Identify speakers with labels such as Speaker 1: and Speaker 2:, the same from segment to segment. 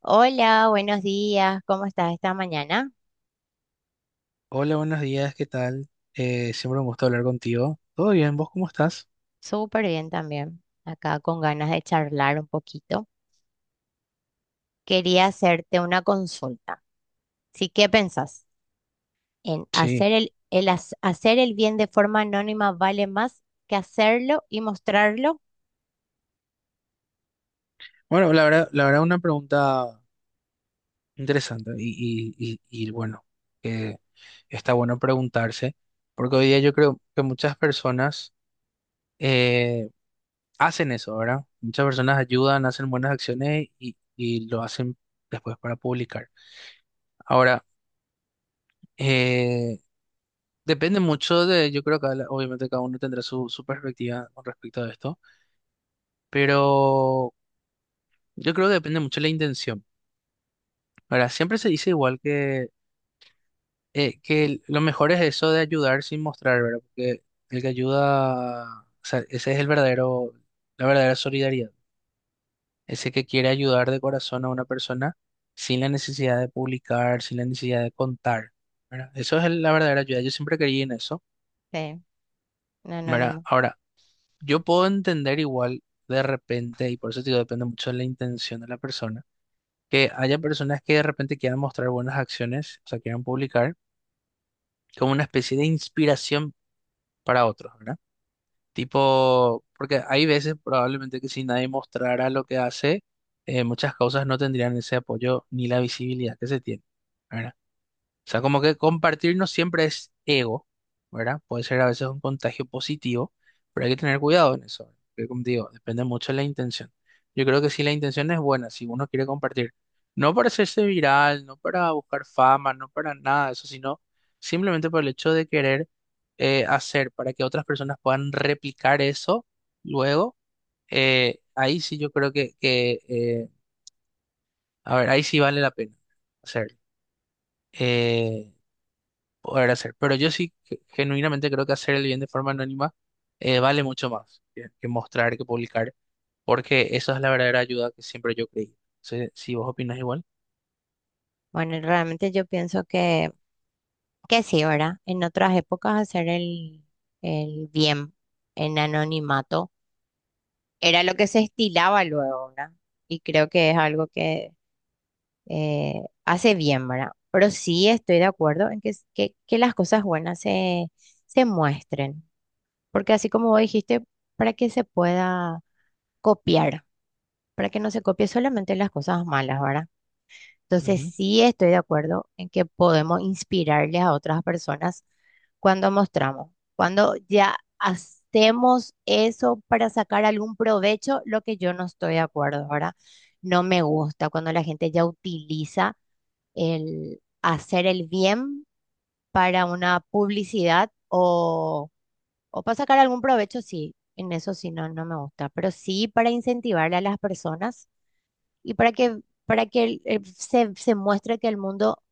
Speaker 1: Hola, buenos días. ¿Cómo estás esta mañana?
Speaker 2: Hola, buenos días, ¿qué tal? Siempre un gusto hablar contigo. ¿Todo bien? ¿Vos cómo estás?
Speaker 1: Súper bien también. Acá con ganas de charlar un poquito. Quería hacerte una consulta. Sí, ¿qué pensás? ¿En
Speaker 2: Sí.
Speaker 1: hacer hacer el bien de forma anónima vale más que hacerlo y mostrarlo?
Speaker 2: Bueno, la verdad una pregunta interesante y bueno, que está bueno preguntarse, porque hoy día yo creo que muchas personas eh, hacen eso, ¿verdad? Muchas personas ayudan, hacen buenas acciones y lo hacen después para publicar. Ahora, eh, depende mucho de, yo creo que obviamente cada uno tendrá su perspectiva con respecto a esto, pero... Yo creo que depende mucho de la intención. Ahora, siempre se dice igual que lo mejor es eso de ayudar sin mostrar, ¿verdad? Porque el que ayuda, o sea, ese es el verdadero, la verdadera solidaridad. Ese que quiere ayudar de corazón a una persona sin la necesidad de publicar, sin la necesidad de contar, ¿verdad? Eso es la verdadera ayuda. Yo siempre creí en eso,
Speaker 1: Sí, en
Speaker 2: ¿verdad?
Speaker 1: anónimo.
Speaker 2: Ahora, yo puedo entender igual de repente, y por eso te digo, depende mucho de la intención de la persona, que haya personas que de repente quieran mostrar buenas acciones, o sea, quieran publicar como una especie de inspiración para otros, ¿verdad? Tipo, porque hay veces probablemente que si nadie mostrara lo que hace, muchas causas no tendrían ese apoyo ni la visibilidad que se tiene, ¿verdad? O sea, como que compartir no siempre es ego, ¿verdad? Puede ser a veces un contagio positivo, pero hay que tener cuidado en eso. Que como te digo, depende mucho de la intención. Yo creo que si la intención es buena, si uno quiere compartir, no para hacerse viral, no para buscar fama, no para nada de eso, sino simplemente por el hecho de querer hacer, para que otras personas puedan replicar eso luego, ahí sí yo creo que, que, a ver, ahí sí vale la pena hacerlo. Eh, Poder hacer. Pero yo sí genuinamente creo que hacer el bien de forma anónima vale mucho más que mostrar, que publicar, porque eso es la verdadera ayuda que siempre yo creí. Si, si vos opinas igual.
Speaker 1: Bueno, realmente yo pienso que sí, ¿verdad? En otras épocas hacer el bien en anonimato era lo que se estilaba luego, ¿verdad? Y creo que es algo que hace bien, ¿verdad? Pero sí estoy de acuerdo en que las cosas buenas se muestren, porque así como vos dijiste, para que se pueda copiar, para que no se copie solamente las cosas malas, ¿verdad? Entonces
Speaker 2: Ujú,
Speaker 1: sí estoy de acuerdo en que podemos inspirarles a otras personas cuando mostramos. Cuando ya hacemos eso para sacar algún provecho, lo que yo no estoy de acuerdo, ¿verdad? No me gusta cuando la gente ya utiliza el hacer el bien para una publicidad o para sacar algún provecho. Sí, en eso sí no me gusta, pero sí para incentivarle a las personas y para para que se muestre que el mundo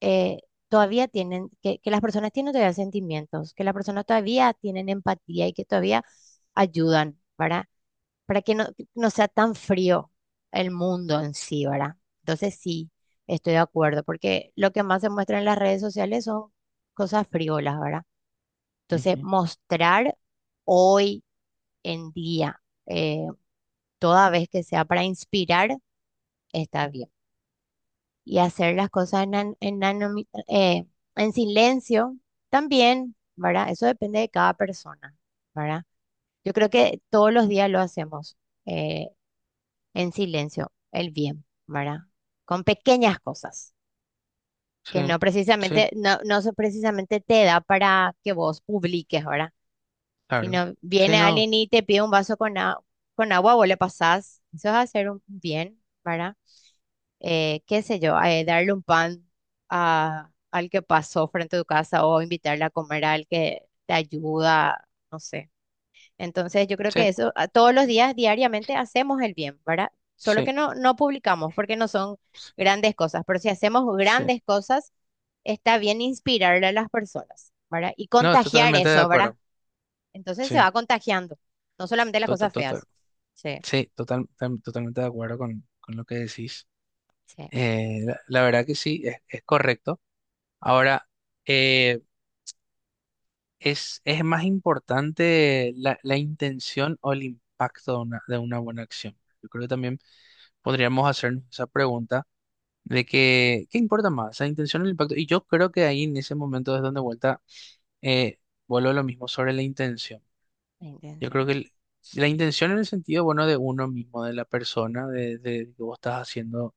Speaker 1: eh, todavía tienen, que las personas tienen todavía sentimientos, que las personas todavía tienen empatía y que todavía ayudan, ¿verdad? Para que no sea tan frío el mundo en sí, ¿verdad? Entonces sí, estoy de acuerdo, porque lo que más se muestra en las redes sociales son cosas frívolas, ¿verdad? Entonces,
Speaker 2: ujú.
Speaker 1: mostrar hoy en día, eh, toda vez que sea para inspirar, está bien. Y hacer las cosas en, an- en anomi- en silencio también, ¿verdad? Eso depende de cada persona, ¿verdad? Yo creo que todos los días lo hacemos. eh, en silencio el bien, ¿verdad? Con pequeñas cosas que
Speaker 2: Sí,
Speaker 1: no
Speaker 2: sí,
Speaker 1: precisamente, no, no se- precisamente te da para que vos publiques, ¿verdad?
Speaker 2: claro.
Speaker 1: Sino
Speaker 2: Sí,
Speaker 1: viene
Speaker 2: no,
Speaker 1: alguien y te pide un vaso con agua, vos le pasás, eso es hacer un bien, ¿verdad? Qué sé yo, darle un pan al que pasó frente a tu casa o invitarle a comer al que te ayuda, no sé. Entonces, yo creo
Speaker 2: sí,
Speaker 1: que todos los días, diariamente, hacemos el bien, ¿verdad? Solo
Speaker 2: sí,
Speaker 1: que no publicamos porque no son
Speaker 2: sí.
Speaker 1: grandes cosas, pero si hacemos
Speaker 2: Sí.
Speaker 1: grandes cosas, está bien inspirarle a las personas, ¿verdad? Y
Speaker 2: No,
Speaker 1: contagiar
Speaker 2: totalmente de
Speaker 1: eso, ¿verdad?
Speaker 2: acuerdo.
Speaker 1: Entonces se
Speaker 2: Sí,
Speaker 1: va contagiando, no solamente las
Speaker 2: total,
Speaker 1: cosas
Speaker 2: total.
Speaker 1: feas. Sí,
Speaker 2: Sí, totalmente de acuerdo con lo que decís.
Speaker 1: sí,
Speaker 2: La, la verdad que sí, es correcto. Ahora, eh, es más importante la, la intención o el impacto de una buena acción. Yo creo que también podríamos hacernos esa pregunta de que, ¿qué importa más? ¿La intención o el impacto? Y yo creo que ahí en ese momento es donde vuelta, eh, vuelvo a lo mismo sobre la intención.
Speaker 1: la
Speaker 2: Yo creo que
Speaker 1: intención.
Speaker 2: la intención en el sentido, bueno, de uno mismo, de la persona, de que vos estás haciendo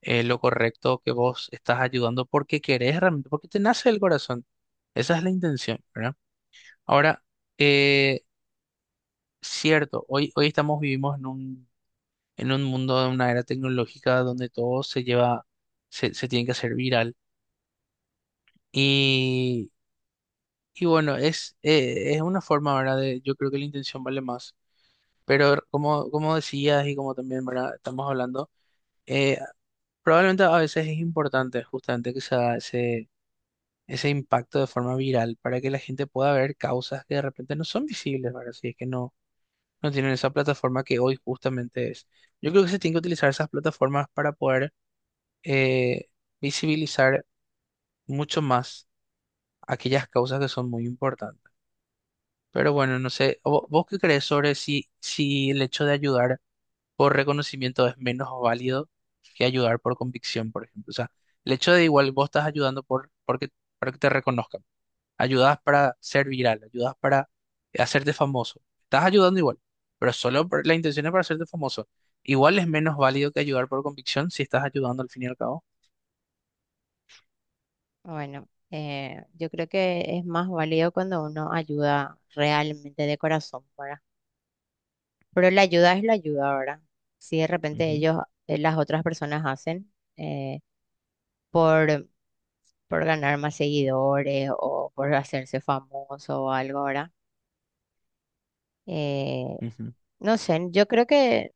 Speaker 2: lo correcto, que vos estás ayudando porque querés realmente, porque te nace el corazón. Esa es la intención, ¿verdad? Ahora, eh, cierto, hoy estamos vivimos en un mundo de una era tecnológica donde todo se lleva, se tiene que hacer viral. Y, y bueno, es una forma, ¿verdad? De, yo creo que la intención vale más. Pero como, como decías y como también, ¿verdad? Estamos hablando, eh, probablemente a veces es importante justamente que se haga ese, ese impacto de forma viral para que la gente pueda ver causas que de repente no son visibles, ¿verdad? Si es que no no tienen esa plataforma que hoy justamente es. Yo creo que se tienen que utilizar esas plataformas para poder eh, visibilizar mucho más aquellas causas que son muy importantes. Pero bueno, no sé, ¿vos, qué crees sobre si, si el hecho de ayudar por reconocimiento es menos válido que ayudar por convicción, por ejemplo? O sea, el hecho de igual vos estás ayudando por, porque, para que te reconozcan. Ayudas para ser viral, ayudas para hacerte famoso. Estás ayudando igual, pero solo por, la intención es para hacerte famoso. ¿Igual es menos válido que ayudar por convicción si estás ayudando al fin y al cabo?
Speaker 1: Bueno, yo creo que es más válido cuando uno ayuda realmente de corazón, ¿verdad? Pero la ayuda es la ayuda. Ahora, si de repente
Speaker 2: Ujú,
Speaker 1: ellos, las otras personas hacen eh, por, por ganar más seguidores o por hacerse famoso o algo. Ahora, eh,
Speaker 2: ujú.
Speaker 1: no sé, yo creo que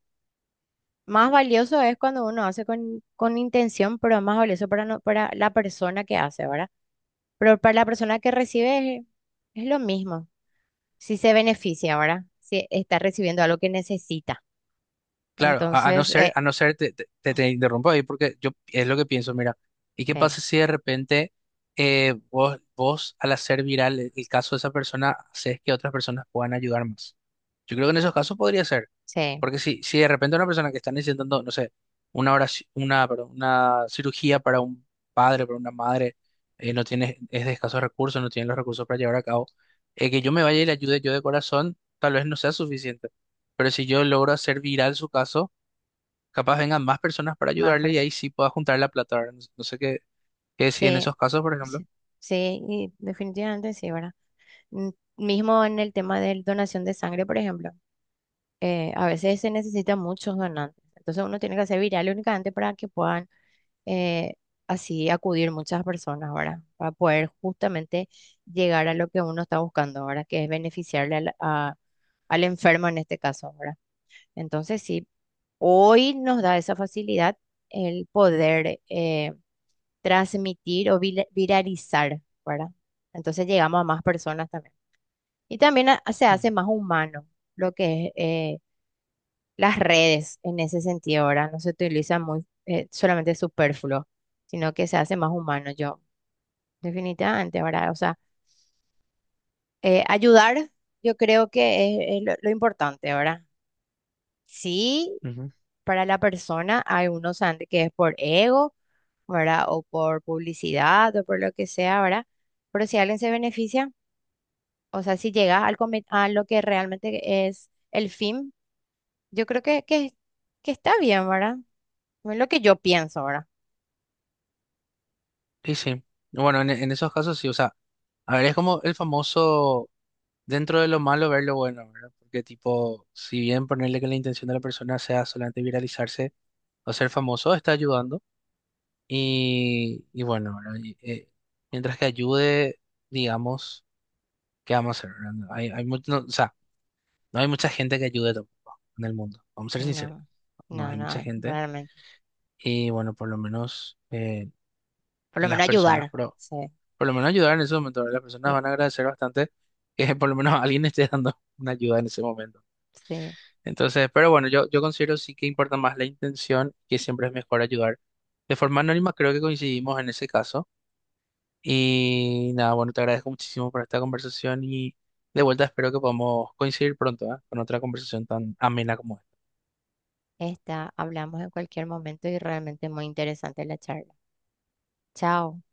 Speaker 1: más valioso es cuando uno hace con intención, pero es más valioso para, para la persona que hace, ¿verdad? Pero para la persona que recibe es lo mismo, si se beneficia, ¿verdad? Si está recibiendo algo que necesita.
Speaker 2: Claro,
Speaker 1: Entonces,
Speaker 2: a no ser, te interrumpo ahí porque yo es lo que pienso, mira, ¿y qué
Speaker 1: sí,
Speaker 2: pasa si de repente vos al hacer viral el caso de esa persona, haces que otras personas puedan ayudar más? Yo creo que en esos casos podría ser.
Speaker 1: sí,
Speaker 2: Porque si, si de repente una persona que está necesitando, no sé, perdón, una cirugía para un padre, para una madre, no tiene, es de escasos recursos, no tiene los recursos para llevar a cabo, que yo me vaya y le ayude yo de corazón, tal vez no sea suficiente. Pero si yo logro hacer viral su caso, capaz vengan más personas para
Speaker 1: más
Speaker 2: ayudarle y ahí
Speaker 1: personas.
Speaker 2: sí pueda juntar la plata, ¿verdad? No sé qué decir en
Speaker 1: Sí,
Speaker 2: esos casos, por ejemplo.
Speaker 1: sí, sí, y definitivamente sí, ¿verdad? Mm, Mismo en el tema de donación de sangre, por ejemplo, a veces se necesitan muchos donantes. Entonces uno tiene que hacer viral únicamente para que puedan eh, así acudir muchas personas, ¿verdad? Para poder justamente llegar a lo que uno está buscando, ¿verdad? Que es beneficiarle al enfermo en este caso, ¿verdad? Entonces sí, hoy nos da esa facilidad el poder. Transmitir o viralizar, ¿verdad? Entonces llegamos a más personas también. Y también se hace más humano lo que es las redes en ese sentido, ¿verdad? No se utiliza muy, solamente superfluo, sino que se hace más humano, yo, definitivamente, ¿verdad? O sea, ayudar, yo creo que es lo importante, ¿verdad? Sí,
Speaker 2: Ujú.
Speaker 1: para la persona hay unos antes que es por ego, ¿verdad? O por publicidad o por lo que sea, ¿verdad? Pero si alguien se beneficia, o sea, si llegas a lo que realmente es el fin, yo creo que está bien, ¿verdad? Es lo que yo pienso, ¿verdad?
Speaker 2: Sí, sí. Bueno, en esos casos sí, o sea, a ver, es como el famoso, dentro de lo malo ver lo bueno, ¿verdad? Porque tipo, si bien ponerle que la intención de la persona sea solamente viralizarse o ser famoso, está ayudando. Y bueno, ¿verdad? Mientras que ayude, digamos, ¿qué vamos a hacer, verdad? No hay, no, o sea, no hay mucha gente que ayude tampoco en el mundo. Vamos a ser sinceros,
Speaker 1: No,
Speaker 2: no
Speaker 1: no,
Speaker 2: hay
Speaker 1: no,
Speaker 2: mucha gente.
Speaker 1: realmente.
Speaker 2: Y bueno, por lo menos
Speaker 1: Por lo
Speaker 2: las
Speaker 1: menos
Speaker 2: personas,
Speaker 1: ayudar.
Speaker 2: pero
Speaker 1: Sí,
Speaker 2: por lo menos ayudar en ese momento, ¿verdad? Las personas
Speaker 1: y-
Speaker 2: van a agradecer bastante que por lo menos alguien esté dando una ayuda en ese momento.
Speaker 1: sí.
Speaker 2: Entonces, pero bueno, yo considero sí que importa más la intención, que siempre es mejor ayudar. De forma anónima, creo que coincidimos en ese caso. Y nada, bueno, te agradezco muchísimo por esta conversación y de vuelta espero que podamos coincidir pronto, ¿eh? Con otra conversación tan amena como esta.
Speaker 1: Está, hablamos en cualquier momento y realmente muy interesante la charla. Chao.